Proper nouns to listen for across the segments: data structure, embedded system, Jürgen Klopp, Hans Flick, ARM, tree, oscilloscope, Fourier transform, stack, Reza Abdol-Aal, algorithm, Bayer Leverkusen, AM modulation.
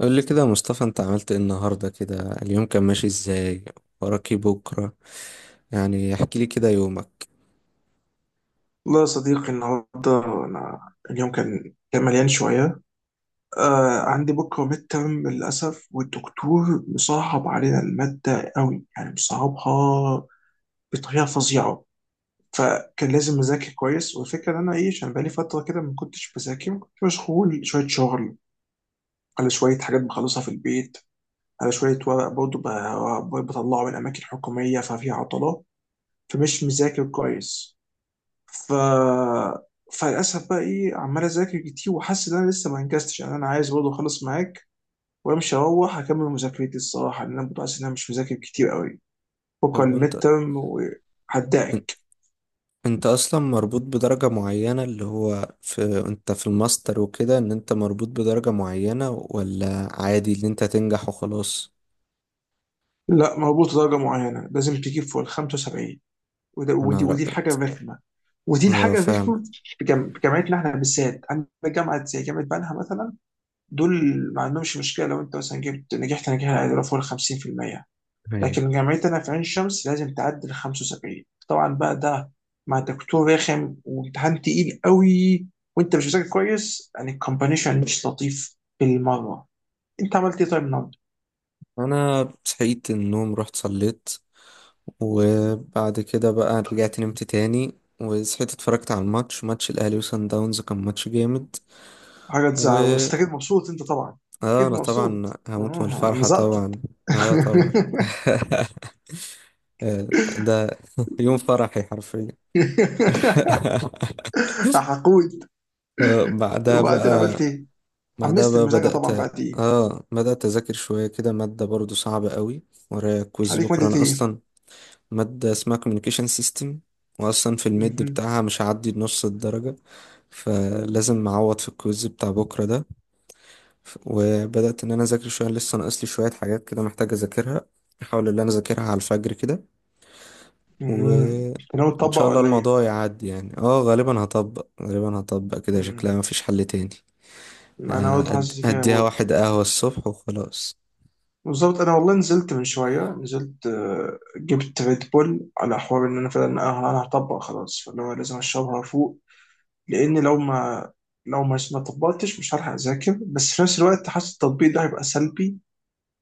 قول لي كده يا مصطفى، انت عملت ايه النهارده كده؟ اليوم كان ماشي ازاي؟ وراك ايه بكره؟ يعني احكي لي كده يومك. والله يا صديقي النهارده انا اليوم كان مليان شويه. عندي بكره ميد ترم للاسف، والدكتور مصعب علينا الماده قوي، يعني مصعبها بطريقه فظيعه. فكان لازم اذاكر كويس، والفكره ان انا عشان بقالي فتره كده ما كنتش بذاكر، كنت مشغول شويه شغل على شويه حاجات بخلصها في البيت، على شويه ورق برضه بطلعه من اماكن حكوميه، ففي عطله فمش مذاكر كويس. ف فللاسف بقى عمال اذاكر كتير وحاسس ان انا لسه ما انجزتش. يعني انا عايز برضه اخلص معاك وامشي اروح اكمل مذاكرتي الصراحه، لان انا برضه حاسس ان انا مش مذاكر كتير قوي. بكره طب وانت، الميد ترم ان- وهدعك. انت اصلا مربوط بدرجة معينة اللي هو في، انت في الماستر وكده ان انت مربوط بدرجة معينة، ولا عادي ان انت تنجح وخلاص؟ لا، مربوط درجه معينه، لازم تجيب فوق ال 75. وده انا ودي رأ. ودي الحاجه الرخمه. ودي اه الحاجه فاهم. الرخمه في جامعتنا احنا بالذات، عندنا جامعه زي جامعه بنها مثلا، دول ما عندهمش مشكله لو انت مثلا جبت نجحت نجاح العيله فوق ال 50%. ايوه. لكن جامعتنا في عين شمس لازم تعدي ال 75. طبعا بقى ده مع دكتور رخم وامتحان تقيل قوي، وانت مش مذاكر كويس، يعني الكومبانيشن مش لطيف بالمره. انت عملت ايه طيب النهارده؟ انا صحيت النوم، رحت صليت، وبعد كده بقى رجعت نمت تاني، وصحيت اتفرجت على الماتش، ماتش الاهلي وصن داونز، كان ماتش جامد. حاجه تزعل، بس انت اكيد مبسوط انت طبعا. اه اكيد انا طبعا مبسوط، هموت من الفرحة مزقطط. طبعا. اه طبعا. آه، ده يوم فرحي حرفيا. حقود. بعدها وبعدين بقى. عملت ايه؟ بعدها حمست بقى المذاكره بدأت. طبعا بعد ايه؟ اه بدأت أذاكر شوية كده، مادة برضو صعبة قوي، ورايا كويز عليك بكرة ماده أنا ايه؟ أصلا. مادة اسمها communication system. وأصلا في الميد مهم. بتاعها مش هعدي نص الدرجة. فلازم أعوض في الكويز بتاع بكرة ده. وبدأت إن أنا أذاكر شوية، لسه ناقصلي شوية حاجات كده محتاج أذاكرها. أحاول إن أنا أذاكرها على الفجر مهم. كده. انت ناوي ان تطبق شاء الله ولا ايه؟ الموضوع يعدي، يعني غالبا هطبق غالبا هطبق كده، شكلها مم. مفيش حل تاني. انا برضه حاسس كده هديها برضه. واحد قهوة الصبح وخلاص. بالظبط، انا والله نزلت من شويه، نزلت جبت ريد بول على حوار ان انا فعلا أنا هطبق خلاص، فاللي هو لازم اشربها فوق. لان لو ما طبقتش مش هلحق اذاكر، بس في نفس الوقت حاسس التطبيق ده هيبقى سلبي.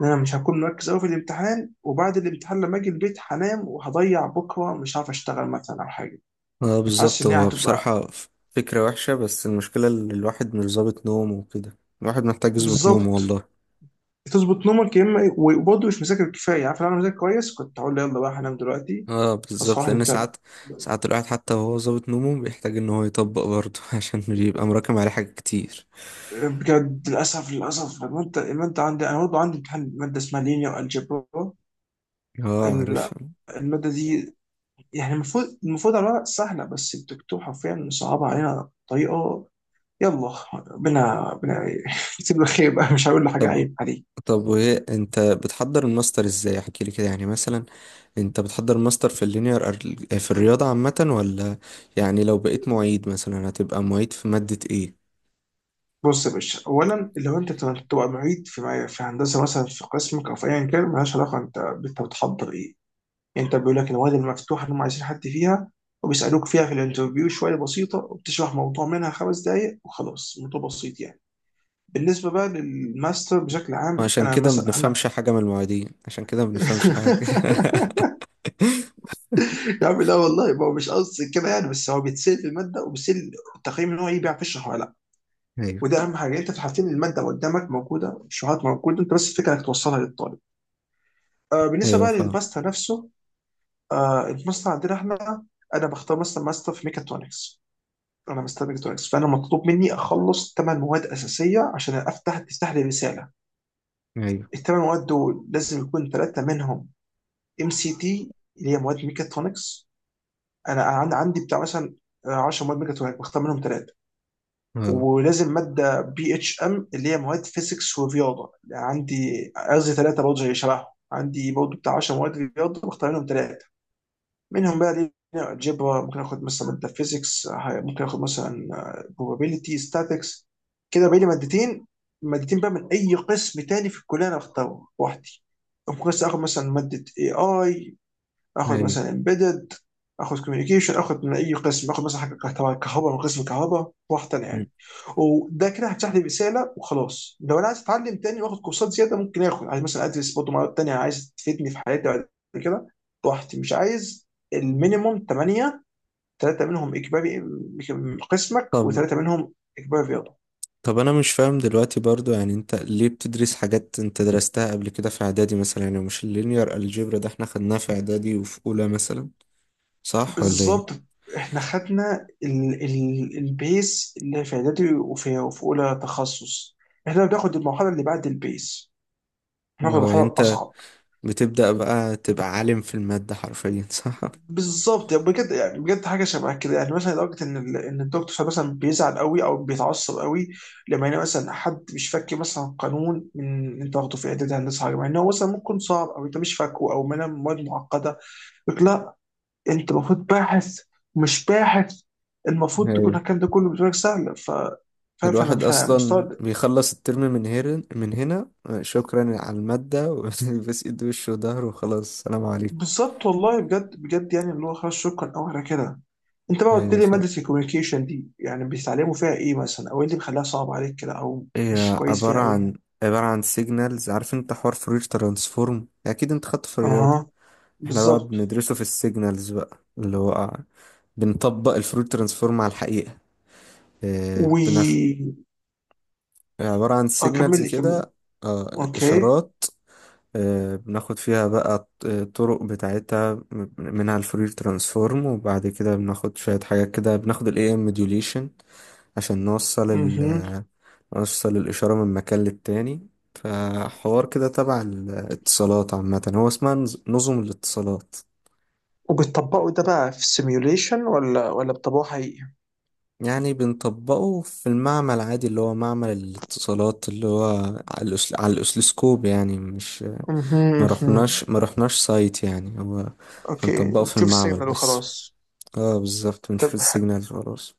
ان انا مش هكون مركز قوي في الامتحان، وبعد الامتحان لما اجي البيت هنام وهضيع بكره، مش عارف اشتغل مثلا او حاجه. اه حاسس بالظبط، ان هي هو هتبقى. بصراحة فكرة وحشة، بس المشكلة ان الواحد مش ظابط نومه وكده، الواحد محتاج يظبط نومه بالظبط. والله. تظبط نومك يا اما وبرضه مش مذاكر كفايه. عارف لو انا مذاكر كويس كنت هقول يلا بقى هنام دلوقتي، اه اصحى بالظبط، واحد لان متعب. ساعات ساعات الواحد حتى وهو ظابط نومه بيحتاج ان هو يطبق برضه عشان بيبقى مراكم عليه حاجات كتير. بجد للاسف. الماده عندي، انا برضه عندي امتحان ماده اسمها لينير الجبرا. اه عارفها. الماده دي يعني المفروض، على الورق سهله، بس الدكتور حرفيا صعبها علينا بطريقه. يلا ربنا ربنا يسيب له خير بقى، مش هقول له حاجه طب. عيب عليه. طب وايه انت بتحضر الماستر ازاي؟ احكي لي كده يعني مثلا. انت بتحضر ماستر في اللينير في الرياضة عامة ولا؟ يعني لو بقيت معيد مثلا هتبقى معيد في مادة ايه؟ بص يا باشا، اولا لو انت تبقى معيد في هندسه مثلا في قسمك او في ايا كان، مالهاش علاقه انت بتحضر ايه. انت بيقول لك النوادي المفتوحه اللي هم عايزين حد فيها، وبيسالوك فيها في الانترفيو شويه بسيطه، وبتشرح موضوع منها خمس دقائق وخلاص، موضوع بسيط يعني. بالنسبه بقى للماستر بشكل ما عام، عشان انا كده ما مثلا انا بنفهمش حاجة من المعيدين، عشان كده ما بنفهمش حاجة. يا عم لا والله، ما هو مش قصدي كده يعني، بس هو بيتسال في الماده وبيتسال التقييم ان هو ايه، بيعرف يشرح ولا لا. ايوه. وده اهم حاجه، انت في الحالتين الماده قدامك موجوده، الشروحات موجوده، انت بس الفكره انك توصلها للطالب. آه، بالنسبه ايوه بقى فاهم. للماستر نفسه، آه الماستر عندنا احنا انا بختار مثلا ماستر في ميكاترونكس. انا مستني تونكس، فانا مطلوب مني اخلص ثمان مواد اساسيه عشان تفتح لي رساله. ايوه. الثمان مواد دول لازم يكون ثلاثه منهم ام سي تي، اللي هي مواد ميكاترونكس. انا عندي بتاع مثلا 10 مواد ميكاترونكس، بختار منهم ثلاثه. اه. ولازم ماده بي اتش ام، اللي هي مواد فيزيكس ورياضه، عندي قصدي ثلاثه برضه زي شبههم. عندي برضه بتاع 10 مواد رياضه بختار منهم ثلاثه. منهم بقى دي الجبر، ممكن اخد مثلا ماده فيزيكس، ممكن اخد مثلا probability statics. كده بقى لي مادتين. مادتين بقى من اي قسم تاني في الكليه انا اختاره لوحدي. ممكن بس اخد مثلا ماده اي، اخد ايوه. مثلا امبيدد، اخد كوميونيكيشن، اخد من اي قسم، اخد مثلا حاجه كهرباء، كهرباء من قسم كهرباء واحده مم. يعني. وده كده هيفتح لي رساله وخلاص. لو انا عايز اتعلم تاني واخد كورسات زياده ممكن اخد، عايز مثلا ادرس برضه مواد تانيه عايز تفيدني في حياتي بعد كده، براحتي مش عايز. المينيموم 8، ثلاثه منهم اجباري من قسمك، طب. وثلاثه منهم اجباري رياضه. طب انا مش فاهم دلوقتي برضو، يعني انت ليه بتدرس حاجات انت درستها قبل كده في اعدادي مثلا؟ يعني مش اللينير الجبر ده احنا خدناه في اعدادي وفي اولى مثلا، صح ولا بالظبط، ايه؟ احنا خدنا ال البيس اللي في اعدادي وفي اولى تخصص. احنا بناخد المرحله اللي بعد البيس، بناخد هو المرحله انت الاصعب. بتبدأ بقى تبقى عالم في المادة حرفيا صح؟ بالظبط يعني، بجد يعني بجد حاجه شبه كده يعني، مثلا لدرجه ان ان الدكتور مثلا بيزعل قوي او بيتعصب قوي لما يلاقي مثلا حد مش فاكر مثلا قانون من انت واخده في اعدادي هندسه حاجه، مع ان هو مثلا ممكن صعب، او انت مش فاكره، او منها مواد معقده. انت المفروض باحث، ومش باحث المفروض تكون الكلام ده كله بالنسبه لك سهل. فاهم، الواحد فأنا اصلا مستغرب. بيخلص الترم من هنا من هنا، شكرا على المادة وبس ايد وشه وظهره وخلاص، سلام عليكم. بالظبط والله، بجد بجد، يعني اللي هو خلاص شكرا او على كده. انت بقى قلت ايوه لي ماده فاهم. الكوميونيكيشن دي، يعني بيتعلموا فيها ايه مثلا، او ايه اللي بيخليها صعب عليك كده، او مش هي كويس عبارة فيها قوي عن يعني. عبارة عن سيجنالز، عارف انت حوار فورير ترانسفورم اكيد انت خدته في الرياضة. اها. احنا بقى بالظبط. بندرسه في السيجنالز بقى، اللي هو بنطبق الفورير ترانسفورم على الحقيقة. و بنخ- عبارة عن اه سيجنالز كمل لي كمل. كده. اوكي. اشارات. بناخد فيها بقى الطرق بتاعتها، منها الفورير ترانسفورم، وبعد كده بناخد شوية حاجات كده، بناخد ال AM modulation عشان اها. نوصل الإشارة من مكان للتاني. فحوار كده تبع الاتصالات عامة، هو اسمها نظم الاتصالات. وبتطبقوا ده بقى في سيميوليشن ولا بتطبقوه حقيقي؟ يعني بنطبقه في المعمل عادي، اللي هو معمل الاتصالات، اللي هو على الأسلسكوب، يعني مش. اها ما اها. رحناش ما رحناش سايت، يعني هو اوكي، بنطبقه في بتشوف المعمل السيجنال بس. وخلاص. اه بالظبط بنشوف طب، السيجنالز خلاص.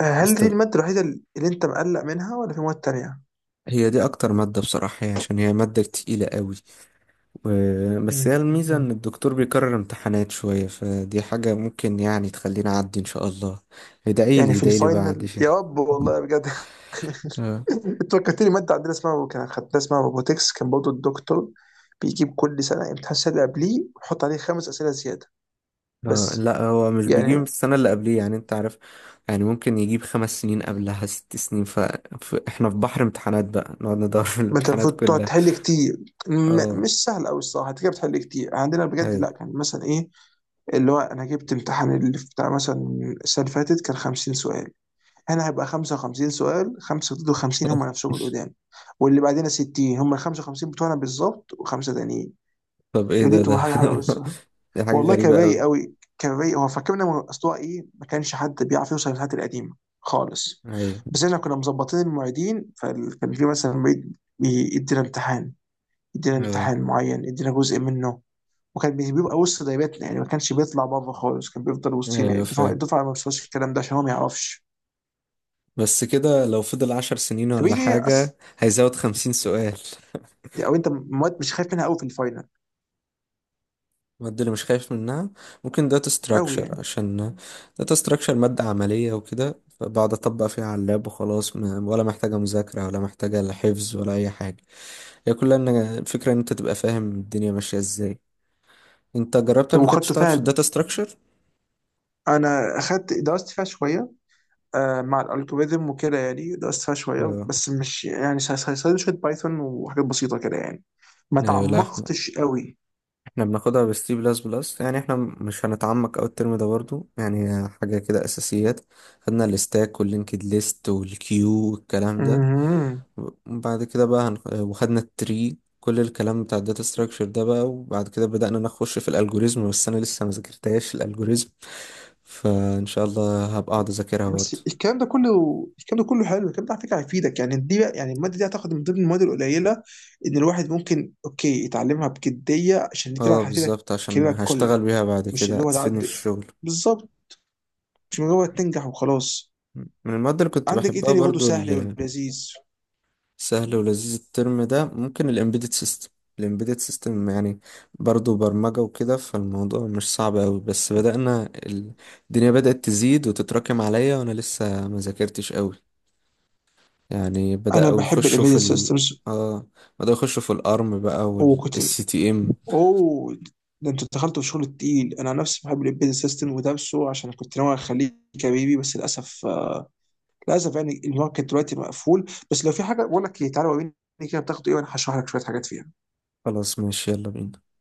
هل بست- دي المادة الوحيدة اللي أنت مقلق منها ولا في مواد تانية؟ هي دي اكتر مادة بصراحة، هي عشان هي مادة تقيلة قوي. و... بس مم. هي الميزة ان مم. الدكتور بيكرر امتحانات شوية، فدي حاجة ممكن يعني تخليني اعدي ان شاء الله. يعني ادعيلي في ادعيلي بعد الفاينل، شيء. يا رب والله بجد. آه. أنت فكرتني مادة عندنا اسمها، كان خدتها اسمها روبوتكس، كان برضه الدكتور بيجيب كل سنة امتحان السنة اللي قبليه ويحط عليه خمس أسئلة زيادة آه، بس لا، هو مش بيجيب يعني. السنة اللي قبليه، يعني انت عارف. يعني ممكن يجيب 5 سنين قبلها، 6 سنين. احنا في بحر امتحانات بقى، نقعد ندور في ما أنت الامتحانات المفروض تقعد كلها. تحل كتير. اه. مش سهل أوي الصراحة، أنت كده بتحل كتير. عندنا بجد هاي. لا، كان مثلا إيه، اللي هو أنا جبت امتحان اللي بتاع مثلا السنة اللي فاتت كان 50 سؤال، هنا هيبقى 55 سؤال، 5 ضد 50 هم نفسهم القدام. واللي بعدنا 60 هم ال 55 بتوعنا بالظبط وخمسه تانيين. طب ايه كانت دي ده تبقى حاجه حلوه الصراحه. دي حاجة والله كان غريبة رايق قوي. قوي، كان رايق، هو فاكرنا من اصلها ايه، ما كانش حد بيعرف يوصل للحاجات القديمه خالص. ايوه. بس احنا كنا مظبطين المواعيدين، فكان في مثلا معيد يدينا امتحان، يدينا اه امتحان معين، يدينا جزء منه، وكان بيبقى وسط دايرتنا يعني، ما كانش بيطلع بره خالص، كان بيفضل وسطينا ايوه الدفعه. فاهم. الدفعه ما بتوصلش الكلام ده عشان هو ما يعرفش. بس كده لو فضل 10 سنين طب ايه ولا هي حاجة هيزود 50 سؤال. او انت مواد مش خايف منها قوي في الفاينل؟ المادة اللي مش خايف منها ممكن داتا قوي ستراكشر، يعني. عشان داتا ستراكشر مادة عملية وكده، فبقعد أطبق فيها على اللاب وخلاص، ولا محتاجة مذاكرة، ولا محتاجة لا حفظ ولا أي حاجة. هي كلها إن الفكرة إن أنت تبقى فاهم الدنيا ماشية إزاي. أنت جربت طب قبل كده وخدته تشتغل في فيها، الداتا ستراكشر؟ انا درست فيها شويه مع الالجوريزم وكده، يعني درست فيها شويه اه. بس مش يعني، شويه بايثون وحاجات بسيطه كده يعني. ما أيوة. لا، تعمقتش قوي. احنا بناخدها بالسي بلس بلس، يعني احنا مش هنتعمق اوي الترم ده برضو، يعني هي حاجة كده اساسيات. خدنا الستاك واللينكد ليست والكيو والكلام ده. مهم. وبعد كده بقى وخدنا التري، كل الكلام بتاع الداتا ستراكشر ده بقى، وبعد كده بدأنا نخش في الالجوريزم، بس انا لسه ما ذاكرتهاش الالجوريزم. فان شاء الله هبقى اقعد اذاكرها بس برضو. الكلام ده كله، الكلام ده كله حلو، الكلام ده على فكره هيفيدك يعني. دي بقى، يعني الماده دي هتاخد من ضمن المواد القليله ان الواحد ممكن اوكي يتعلمها بجديه، عشان دي فعلا اه هتفيدك بالظبط، في عشان كاريرك هشتغل كله. بيها بعد مش كده اللي هو هتفيدني في تعدي، الشغل. بالظبط، مش مجرد تنجح وخلاص. من المواد اللي كنت عندك ايه بحبها تاني برضه برضو. سهل ولذيذ؟ سهل ولذيذ الترم ده ممكن الامبيدد سيستم. الامبيدد سيستم يعني برضو برمجة وكده، فالموضوع مش صعب قوي، بس بدأنا الدنيا بدأت تزيد وتتراكم عليا، وانا لسه ما ذاكرتش قوي. يعني انا بحب الامبيدد سيستمز اه بدأوا يخشوا في الارم بقى، وكوتن. والسي تي ام. اوه، ده انت دخلت في الشغل التقيل. انا عن نفسي بحب الامبيدد سيستم ودرسه، عشان كنت ناوي اخليه كبيبي، بس للاسف للاسف يعني الماركت دلوقتي مقفول. بس لو في حاجه بقول لك تعالى وريني كده بتاخد ايه، وانا هشرح لك شويه حاجات فيها. خلاص ماشي يلا بينا.